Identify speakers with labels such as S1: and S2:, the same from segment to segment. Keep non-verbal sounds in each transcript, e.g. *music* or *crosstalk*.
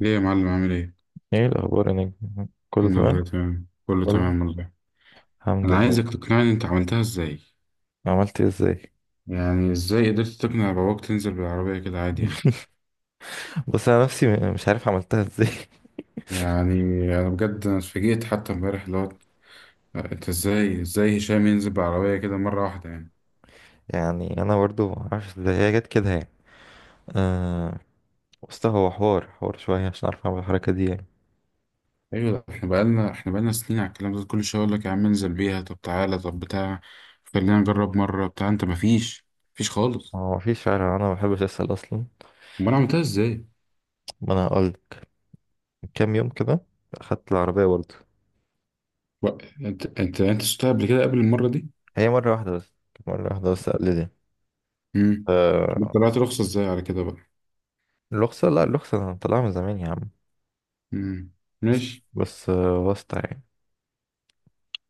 S1: ليه يا معلم عامل ايه؟
S2: ايه الاخبار يا نجم، كله
S1: الحمد
S2: تمام؟
S1: لله، تمام، كله
S2: كله،
S1: تمام والله.
S2: الحمد
S1: انا
S2: لله.
S1: عايزك تقنعني انت عملتها ازاي.
S2: عملت إيه؟ ازاي؟
S1: يعني ازاي قدرت تقنع باباك تنزل بالعربية كده عادي يعني؟
S2: بص، انا نفسي مش عارف عملتها ازاي. *laughs*
S1: يعني انا بجد انا اتفاجئت حتى امبارح اللي هو انت ازاي هشام ينزل بالعربية كده مرة واحدة يعني.
S2: يعني انا برضو ما اعرفش ازاي هي جت كده، يعني. آه. بص، هو حوار شويه عشان اعرف اعمل الحركه دي، يعني.
S1: ايوه، ده احنا بقالنا سنين على الكلام ده، كل شوية اقول لك يا عم انزل بيها، طب تعالى، طب بتاع، خلينا نجرب مرة، بتاع، انت مفيش، مفيش خالص.
S2: هو ما فيش فعلا، انا ما بحبش اسال اصلا.
S1: امال انا عملتها ازاي؟
S2: ما انا هقول، كام يوم كده اخدت العربيه برضو.
S1: و- انت شفتها قبل كده، قبل المرة دي؟
S2: هي مره واحده بس، كانت مره واحده بس، قلت.
S1: امم
S2: آه.
S1: طلعت رخصة ازاي على كده بقى؟
S2: الرخصه، لا، الرخصه انا طالعها من زمان يا عم.
S1: مم.
S2: بس
S1: ماشي.
S2: بس واسطه، يعني.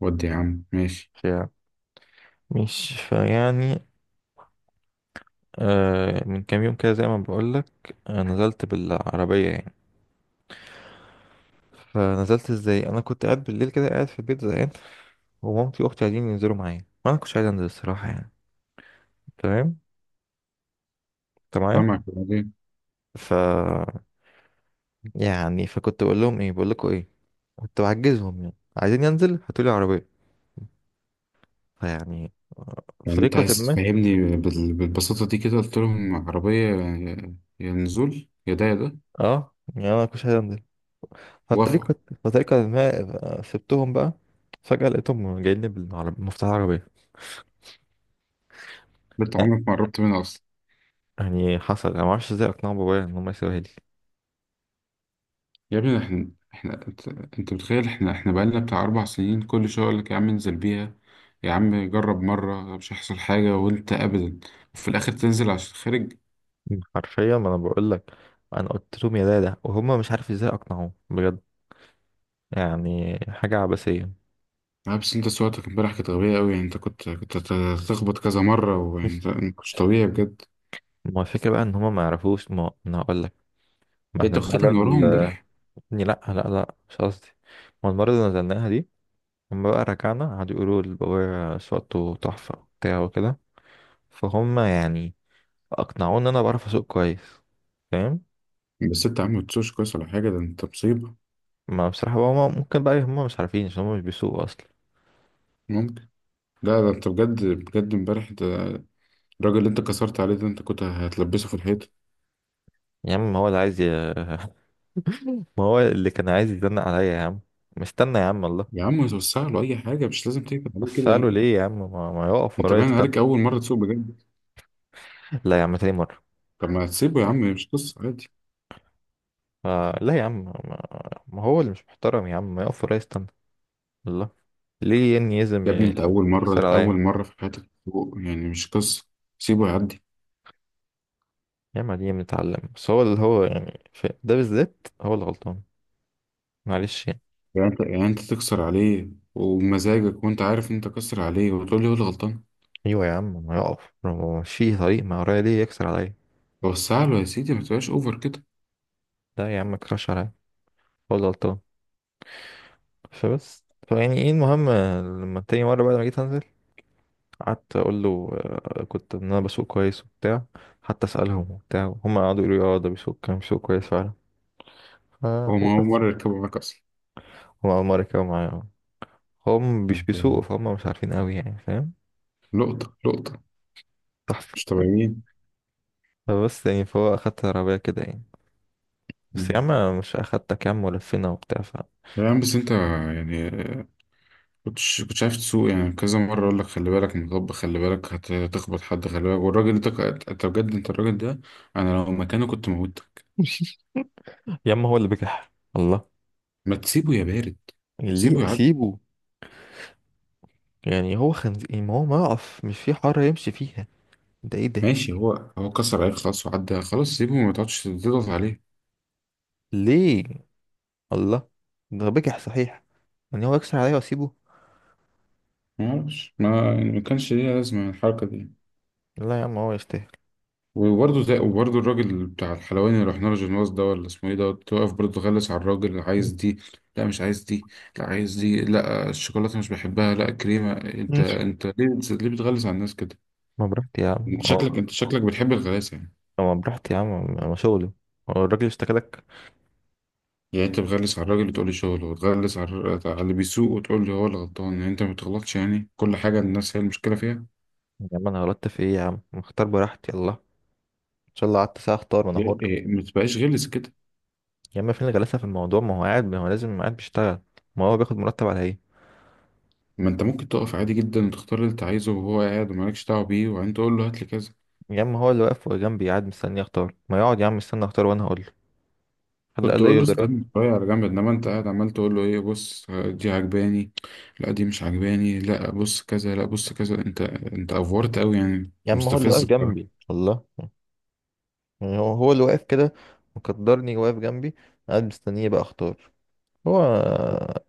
S1: ودي يا عم ماشي.
S2: فيعني. آه، من كام يوم كده زي ما بقولك، نزلت بالعربية، يعني. فنزلت ازاي، أنا كنت قاعد بالليل كده، قاعد في البيت زهقان. ومامتي وأختي عايزين ينزلوا معايا، وأنا مكنتش عايز أنزل الصراحة، يعني. تمام؟ أنت معايا؟
S1: سامعك، وبعدين؟
S2: ف يعني، فكنت بقول لهم إيه بقول لكم إيه. كنت بعجزهم، يعني عايزين ينزل، هاتولي عربية. فيعني
S1: يعني انت
S2: بطريقة
S1: عايز
S2: ما.
S1: تفهمني بالبساطة دي كده، قلت لهم عربية، يا نزول، يا ده يا ده،
S2: اه، يعني أنا مكنتش عايز أنزل.
S1: وافقوا؟
S2: فبطريقة بطريقة ما. آه، سبتهم بقى. فجأة لقيتهم جايين لي بالعربية، مفتاح العربية.
S1: بنت عمرك ما قربت منها اصلا.
S2: يعني حصل، انا ما اعرفش ازاي اقنع بابايا ان هم يسيبوها لي.
S1: يا ابني، احنا انت، انت متخيل احنا بقالنا بتاع اربع سنين كل شوية اقول لك يا عم انزل بيها، يا عم جرب مرة مش هيحصل حاجة، وانت ابدا، وفي الاخر تنزل عشان خارج.
S2: مم. حرفيا، ما انا بقول لك. انا قلت لهم يا دادا، وهم مش عارف ازاي اقنعوه بجد. يعني حاجه عبثيه.
S1: لا بس انت سواقتك امبارح كانت غبية قوي يعني، انت كنت هتخبط كذا مرة، وانت
S2: *laughs*
S1: ما كنتش طبيعي بجد.
S2: ما هو الفكره بقى ان هم ما يعرفوش، ما انا هقول لك. ما
S1: انت
S2: احنا
S1: واخدها
S2: المره
S1: من وراهم امبارح.
S2: إني، لا، لا، لا، مش قصدي. ما المره اللي نزلناها دي، هم بقى رجعنا قعدوا يقولوا لبابايا صوته تحفه وبتاع وكده. فهم يعني، اقنعوني ان انا بعرف اسوق كويس. فاهم؟
S1: بس انت يا عم متسوش كويس ولا حاجة، ده انت مصيبة.
S2: ما بصراحه بقى، هم ممكن، بقى هم مش عارفين عشان هم مش بيسوقوا اصلا.
S1: ممكن. لا ده انت بجد بجد امبارح ده، الراجل اللي انت كسرت عليه ده انت كنت هتلبسه في الحيط.
S2: يا عم هو اللي عايز ما هو اللي كان عايز يزنق عليا يا عم، مستنى يا عم، الله.
S1: يا عم توسع له، اي حاجة، مش لازم تكتب عليه
S2: بس
S1: كده
S2: قالوا
S1: يعني.
S2: ليه يا عم ما يقف
S1: انت
S2: ورايا،
S1: باين
S2: استنى.
S1: عليك اول مرة تسوق بجد.
S2: لا يا عم، تاني مرة.
S1: طب ما تسيبه يا عم، مش قصة، عادي.
S2: آه، لا يا عم، ما هو اللي مش محترم، يا عم ما يقف ورايا، استنى. الله. ليه يعني
S1: يا
S2: يزم
S1: ابني
S2: يعني؟
S1: انت اول
S2: يكسر
S1: مرة، اول
S2: عليا؟
S1: مرة في حياتك تسوق يعني، مش قصة. سيبه يعدي.
S2: يا عم دي بنتعلم، بس هو اللي هو يعني في ده بالذات هو اللي غلطان. معلش يعني.
S1: يعني انت تكسر عليه ومزاجك، وانت عارف ان انت كسر عليه وتقول لي هو اللي غلطان.
S2: ايوه يا عم، ما يقف، ما هو ماشي طريق ما ورايا، ليه يكسر عليا؟
S1: وسع له يا سيدي، ما تبقاش اوفر كده.
S2: لا يا عم، ما يكسرش عليا. هو اللي غلطان. فبس فيعني ايه، المهم. لما تاني مرة بعد ما جيت هنزل، قعدت اقول له كنت ان انا بسوق كويس وبتاع. حتى اسالهم وبتاع، هم قعدوا يقولوا لي اه، ده كان بيسوق كويس فعلا. ف
S1: هو ما هو
S2: وبس.
S1: مرة يركبه معاك
S2: هم اول مره يركبوا معايا، آه. هم مش
S1: اصلا.
S2: بيسوقوا، فهم مش عارفين قوي، يعني، فاهم؟
S1: لقطة لقطة،
S2: تحفه.
S1: مش طبيعيين.
S2: فبس يعني، فهو اخدت العربيه كده، يعني. بس يا
S1: مم.
S2: عم، مش اخدتك يا عم ولفينا وبتاع ف.
S1: يا عم بس انت يعني، كنتش عارف تسوق يعني. كذا مرة اقول لك خلي بالك من الغب، خلي بالك هتخبط حد، خلي بالك، والراجل ده انت بجد، انت الراجل ده انا لو مكانه كنت موتك.
S2: *laughs* يا عم، هو اللي بجح، الله.
S1: ما تسيبه يا بارد، سيبه
S2: ليه
S1: يعدي.
S2: اسيبه؟ يعني هو خنزير، ما هو ما يقف مش في حاره يمشي فيها. ده ايه ده؟
S1: ماشي، هو كسر عليك خلاص وعدى، خلاص سيبه، ما تقعدش تضغط عليه.
S2: ليه؟ الله. ده بجح صحيح. يعني هو يكسر عليا واسيبه؟
S1: ما اعرفش، ما يعني، ما كانش ليها لازمة الحركة دي.
S2: لا يا عم، هو يستاهل.
S1: وبرضه الراجل بتاع الحلواني اللي رحنا له، جنواز ده ولا اسمه ايه ده، توقف برضه غلس على الراجل، اللي عايز دي، لا مش عايز دي، لا عايز دي، لا الشوكولاته مش بحبها، لا كريمه. انت
S2: *laughs*
S1: انت ليه ليه بتغلس على الناس كده؟
S2: ما براحتي يا عم،
S1: انت شكلك
S2: اه.
S1: انت شكلك بتحب الغلاسه يعني.
S2: ما براحتي يا عم. ما شغلي. هو الراجل اشتكى لك؟
S1: يعني انت بتغلس على الراجل وتقول لي شغله، وتغلس على على اللي بيسوق وتقول لي هو اللي غلطان. يعني انت ما بتغلطش يعني، كل حاجه الناس هي المشكله فيها.
S2: يا عم، انا غلطت في ايه يا عم؟ اختار براحتي، يلا، ان شاء الله قعدت ساعه اختار، وانا حر.
S1: يعني إيه، ما تبقاش غلس كده.
S2: يا عم فين الغلاسه في الموضوع؟ ما هو لازم قاعد بيشتغل. ما هو بياخد مرتب على ايه؟
S1: ما انت ممكن تقف عادي جدا وتختار اللي انت عايزه، وهو قاعد ومالكش دعوه بيه، وبعدين تقول له هات لي كذا.
S2: يا عم هو اللي واقف جنبي قاعد مستني اختار، ما يقعد يا عم مستني اختار وانا هقول له. حد
S1: كنت
S2: قال له ايه
S1: اقول له
S2: يقدر؟
S1: استنى شويه على جنب، انما انت قاعد عمال تقول له ايه، بص دي عجباني، لا دي مش عجباني، لا بص كذا، لا بص كذا. انت افورت قوي يعني، أنت
S2: يا عم هو اللي واقف
S1: مستفز
S2: جنبي،
S1: بصراحه.
S2: الله. يعني هو اللي واقف كده، مقدرني واقف جنبي، قاعد مستنيه بقى اختار. هو.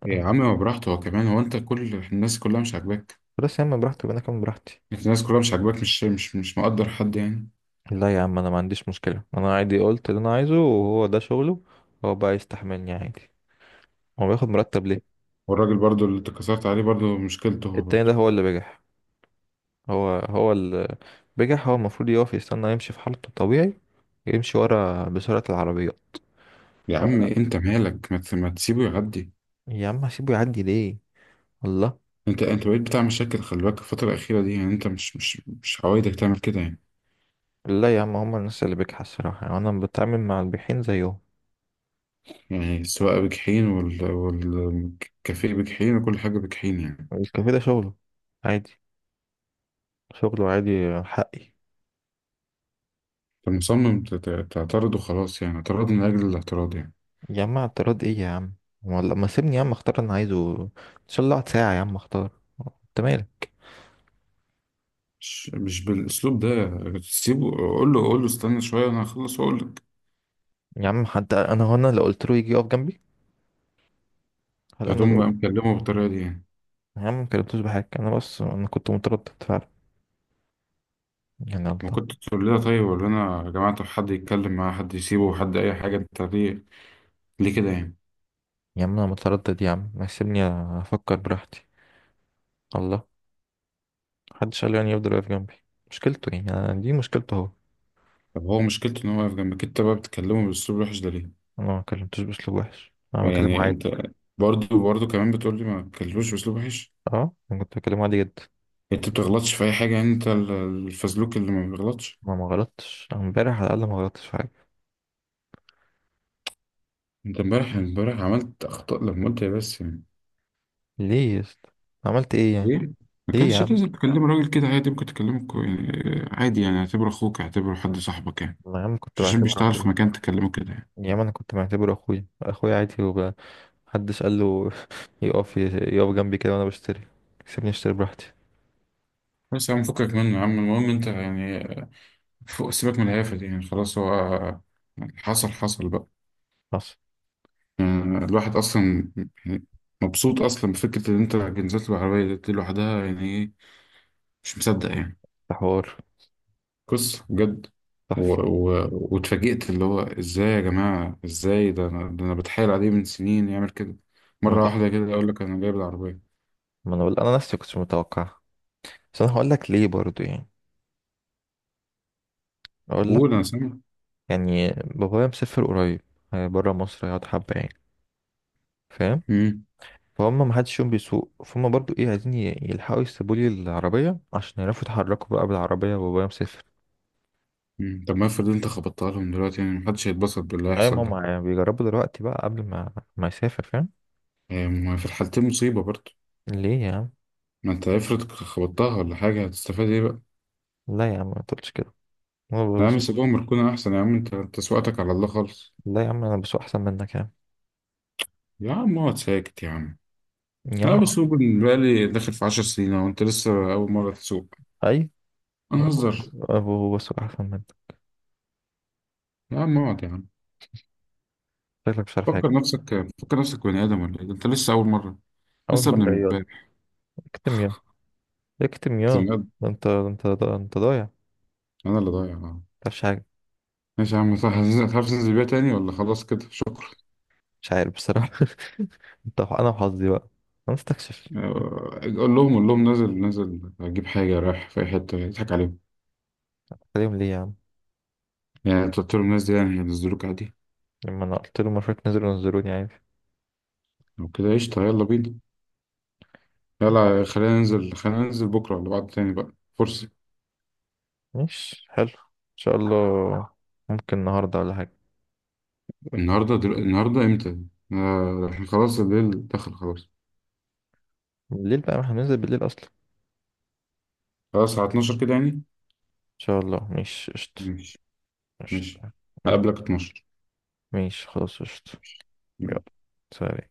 S1: يا عم ما براحته هو كمان، هو انت كل الناس كلها مش عاجباك.
S2: بس يا عم براحته، انا كمان براحتي.
S1: أنت الناس كلها مش عاجباك، مش مقدر حد يعني.
S2: لا يا عم، انا ما عنديش مشكلة، انا عادي قلت اللي انا عايزه، وهو ده شغله. هو بقى يستحملني عادي. هو بياخد مرتب ليه؟
S1: والراجل برضو اللي اتكسرت عليه برضو مشكلته هو
S2: التاني
S1: برضو.
S2: ده هو اللي بجح. هو اللي بجح. هو المفروض يقف يستنى يمشي في حالته الطبيعي، يمشي ورا بسرعة العربيات.
S1: يا عم
S2: لا.
S1: انت مالك، ما تسيبه يعدي.
S2: يا عم هسيبه يعدي ليه؟ والله.
S1: انت بقيت بتاع مشاكل، خلي بالك الفتره الاخيره دي يعني، انت مش عوايدك تعمل كده يعني.
S2: لا يا عم، هما الناس اللي بجحة الصراحة، يعني انا بتعامل مع البيحين زيهم.
S1: يعني السواقة بجحيم والكافيه بجحيم وكل حاجة بجحيم يعني.
S2: الكافيه ده شغله عادي، شغله عادي، حقي.
S1: فمصمم تعترض وخلاص يعني، اعتراض من أجل الاعتراض يعني.
S2: يا عم اعتراض ايه يا عم؟ ولا ما سيبني يا عم اختار اللي انا عايزه، ان شاء الله اقعد ساعة يا عم اختار. انت مالك؟
S1: مش بالأسلوب ده. سيبه، قول له استنى شوية أنا هخلص وأقول لك.
S2: يا عم حتى انا هو انا لو قلت له يجي يقف جنبي، هل انا اللي
S1: فتقوم
S2: قلت؟
S1: بقى مكلمه بالطريقة دي يعني.
S2: يا عم، ما كلمتوش بحاجة، انا بس انا كنت متردد فعلا، يعني،
S1: ما
S2: الله.
S1: كنت تقول لها طيب ولا أنا يا جماعة، طب حد يتكلم معاه، حد يسيبه، حد أي حاجة، أنت ليه، ليه كده يعني؟
S2: يا عم انا متردد يا عم، ما سيبني افكر براحتي، الله. محدش قال لي يعني يفضل واقف جنبي. مشكلته، يعني دي مشكلته هو.
S1: طب هو مشكلته إن هو واقف جنبك أنت بقى بتكلمه بأسلوب وحش ده ليه؟
S2: انا ما كلمتوش باسلوب وحش، انا بكلمه
S1: يعني
S2: عادي.
S1: أنت، برضه كمان بتقول لي ما تكلموش بأسلوب وحش.
S2: اه، انا كنت بكلمه عادي جدا.
S1: انت بتغلطش في اي حاجه يعني، انت الفزلوك اللي ما بيغلطش.
S2: ما غلطتش أنا امبارح، على الاقل ما غلطتش في حاجة.
S1: انت امبارح، امبارح عملت اخطاء لما قلت يا بس يعني،
S2: ليه يا اسطى؟ عملت ايه يعني؟
S1: ايه، ما
S2: ليه يا
S1: كانش
S2: عم؟
S1: لازم تكلم راجل كده عادي، ممكن تكلمه يعني عادي، يعني اعتبره اخوك، اعتبره حد صاحبك يعني،
S2: أنا يا عم كنت
S1: مش عشان
S2: بعتبره
S1: بيشتغل في
S2: أخويا.
S1: مكان تكلمه كده يعني.
S2: يا عم أنا كنت بعتبره أخويا، أخويا عادي محدش قال له *laughs* يقف يقف جنبي كده وأنا بشتري. سيبني أشتري براحتي.
S1: بس يا عم فكك منه يا عم، المهم انت يعني، فوق، سيبك من الهيافه دي يعني، خلاص هو حصل، حصل بقى.
S2: حصل.
S1: يعني الواحد اصلا يعني مبسوط اصلا بفكره ان انت نزلت بالعربيه دي لوحدها، يعني ايه، مش مصدق يعني.
S2: ده حوار.
S1: قصة بجد.
S2: تحفة.
S1: واتفاجئت اللي هو ازاي يا جماعة، ازاي، ده أنا بتحايل عليه من سنين يعمل كده،
S2: ما
S1: مرة
S2: تحفة.
S1: واحدة كده اقول لك انا جايب العربية.
S2: ما أنا بقول، أنا نفسي كنتش متوقع. بس أنا هقول لك ليه برضو، يعني. أقول لك.
S1: قول، انا سامع.
S2: يعني بابايا مسافر قريب، بره مصر، هيقعد حبة يعني. فاهم؟
S1: مم.
S2: فهم ما حدش فيهم بيسوق، فهم برضو ايه، عايزين يلحقوا يسيبوا لي العربية عشان يعرفوا يتحركوا بقى بالعربية، وبابايا مسافر.
S1: مم. طب ما افرض انت خبطتها لهم دلوقتي يعني، محدش هيتبسط باللي
S2: ايوه، ما
S1: هيحصل ده.
S2: هم يعني بيجربوا دلوقتي بقى قبل ما يسافر، فاهم؟
S1: آه، ما في الحالتين مصيبة برضه.
S2: ليه يا عم؟
S1: ما انت افرض خبطتها ولا حاجة، هتستفاد ايه بقى؟
S2: لا يا عم، ما تقولش كده. هو،
S1: لا يا
S2: بص.
S1: عم سيبهم مركونة احسن يا عم، انت سواقتك على الله خالص.
S2: لا يا عم، انا بسوق احسن منك يا عم.
S1: يا عم اقعد ساكت يا عم.
S2: يا
S1: لا
S2: عم.
S1: بس هو بالنسبة لي داخل في عشر سنين، وانت لسه أول مرة تسوق.
S2: اي.
S1: أنا
S2: هو
S1: هزر.
S2: هو بسوق احسن منك.
S1: يا عم اقعد يا عم.
S2: شكلك مش عارف حاجه.
S1: فكر نفسك، فكر نفسك بني آدم ولا إيه ده، أنت لسه أول مرة،
S2: اول
S1: لسه ابن
S2: مره، يا.
S1: امبارح،
S2: اكتم يا. اكتم
S1: أنت
S2: يا.
S1: بني آدم.
S2: ده انت، ده انت، ده انت ضايع، ما
S1: أنا اللي ضايع آه.
S2: تعرفش حاجه.
S1: ماشي يا عم صح. هتعرف تنزل بيها تاني ولا خلاص كده، شكرا؟
S2: مش عارف بصراحه. *laughs* انت انا وحظي بقى. انا مستكشف.
S1: آه، قول لهم نازل أجيب حاجة رايح في أي حتة يضحك عليهم.
S2: عليهم ليه يا عم؟
S1: يعني أنت قلت لهم الناس دي يعني هينزلوك عادي؟
S2: لما انا قلت له مرة نزلوني عادي.
S1: لو كده قشطة، يلا بينا. يلا خلينا ننزل بكرة ولا بعد تاني بقى، فرصة.
S2: مش حلو، ان شاء الله. ممكن النهارده ولا حاجه؟
S1: النهاردة النهاردة إمتى؟ آه، إحنا خلاص الليل دخل خلاص.
S2: بالليل بقى، ما احنا بننزل بالليل اصلا.
S1: خلاص على 12 كده يعني.
S2: شاء الله، مش قشطة.
S1: ماشي ماشي
S2: قشطة، يلا.
S1: هقابلك 12
S2: ماشي خلاص قشطة. يلا. سلام.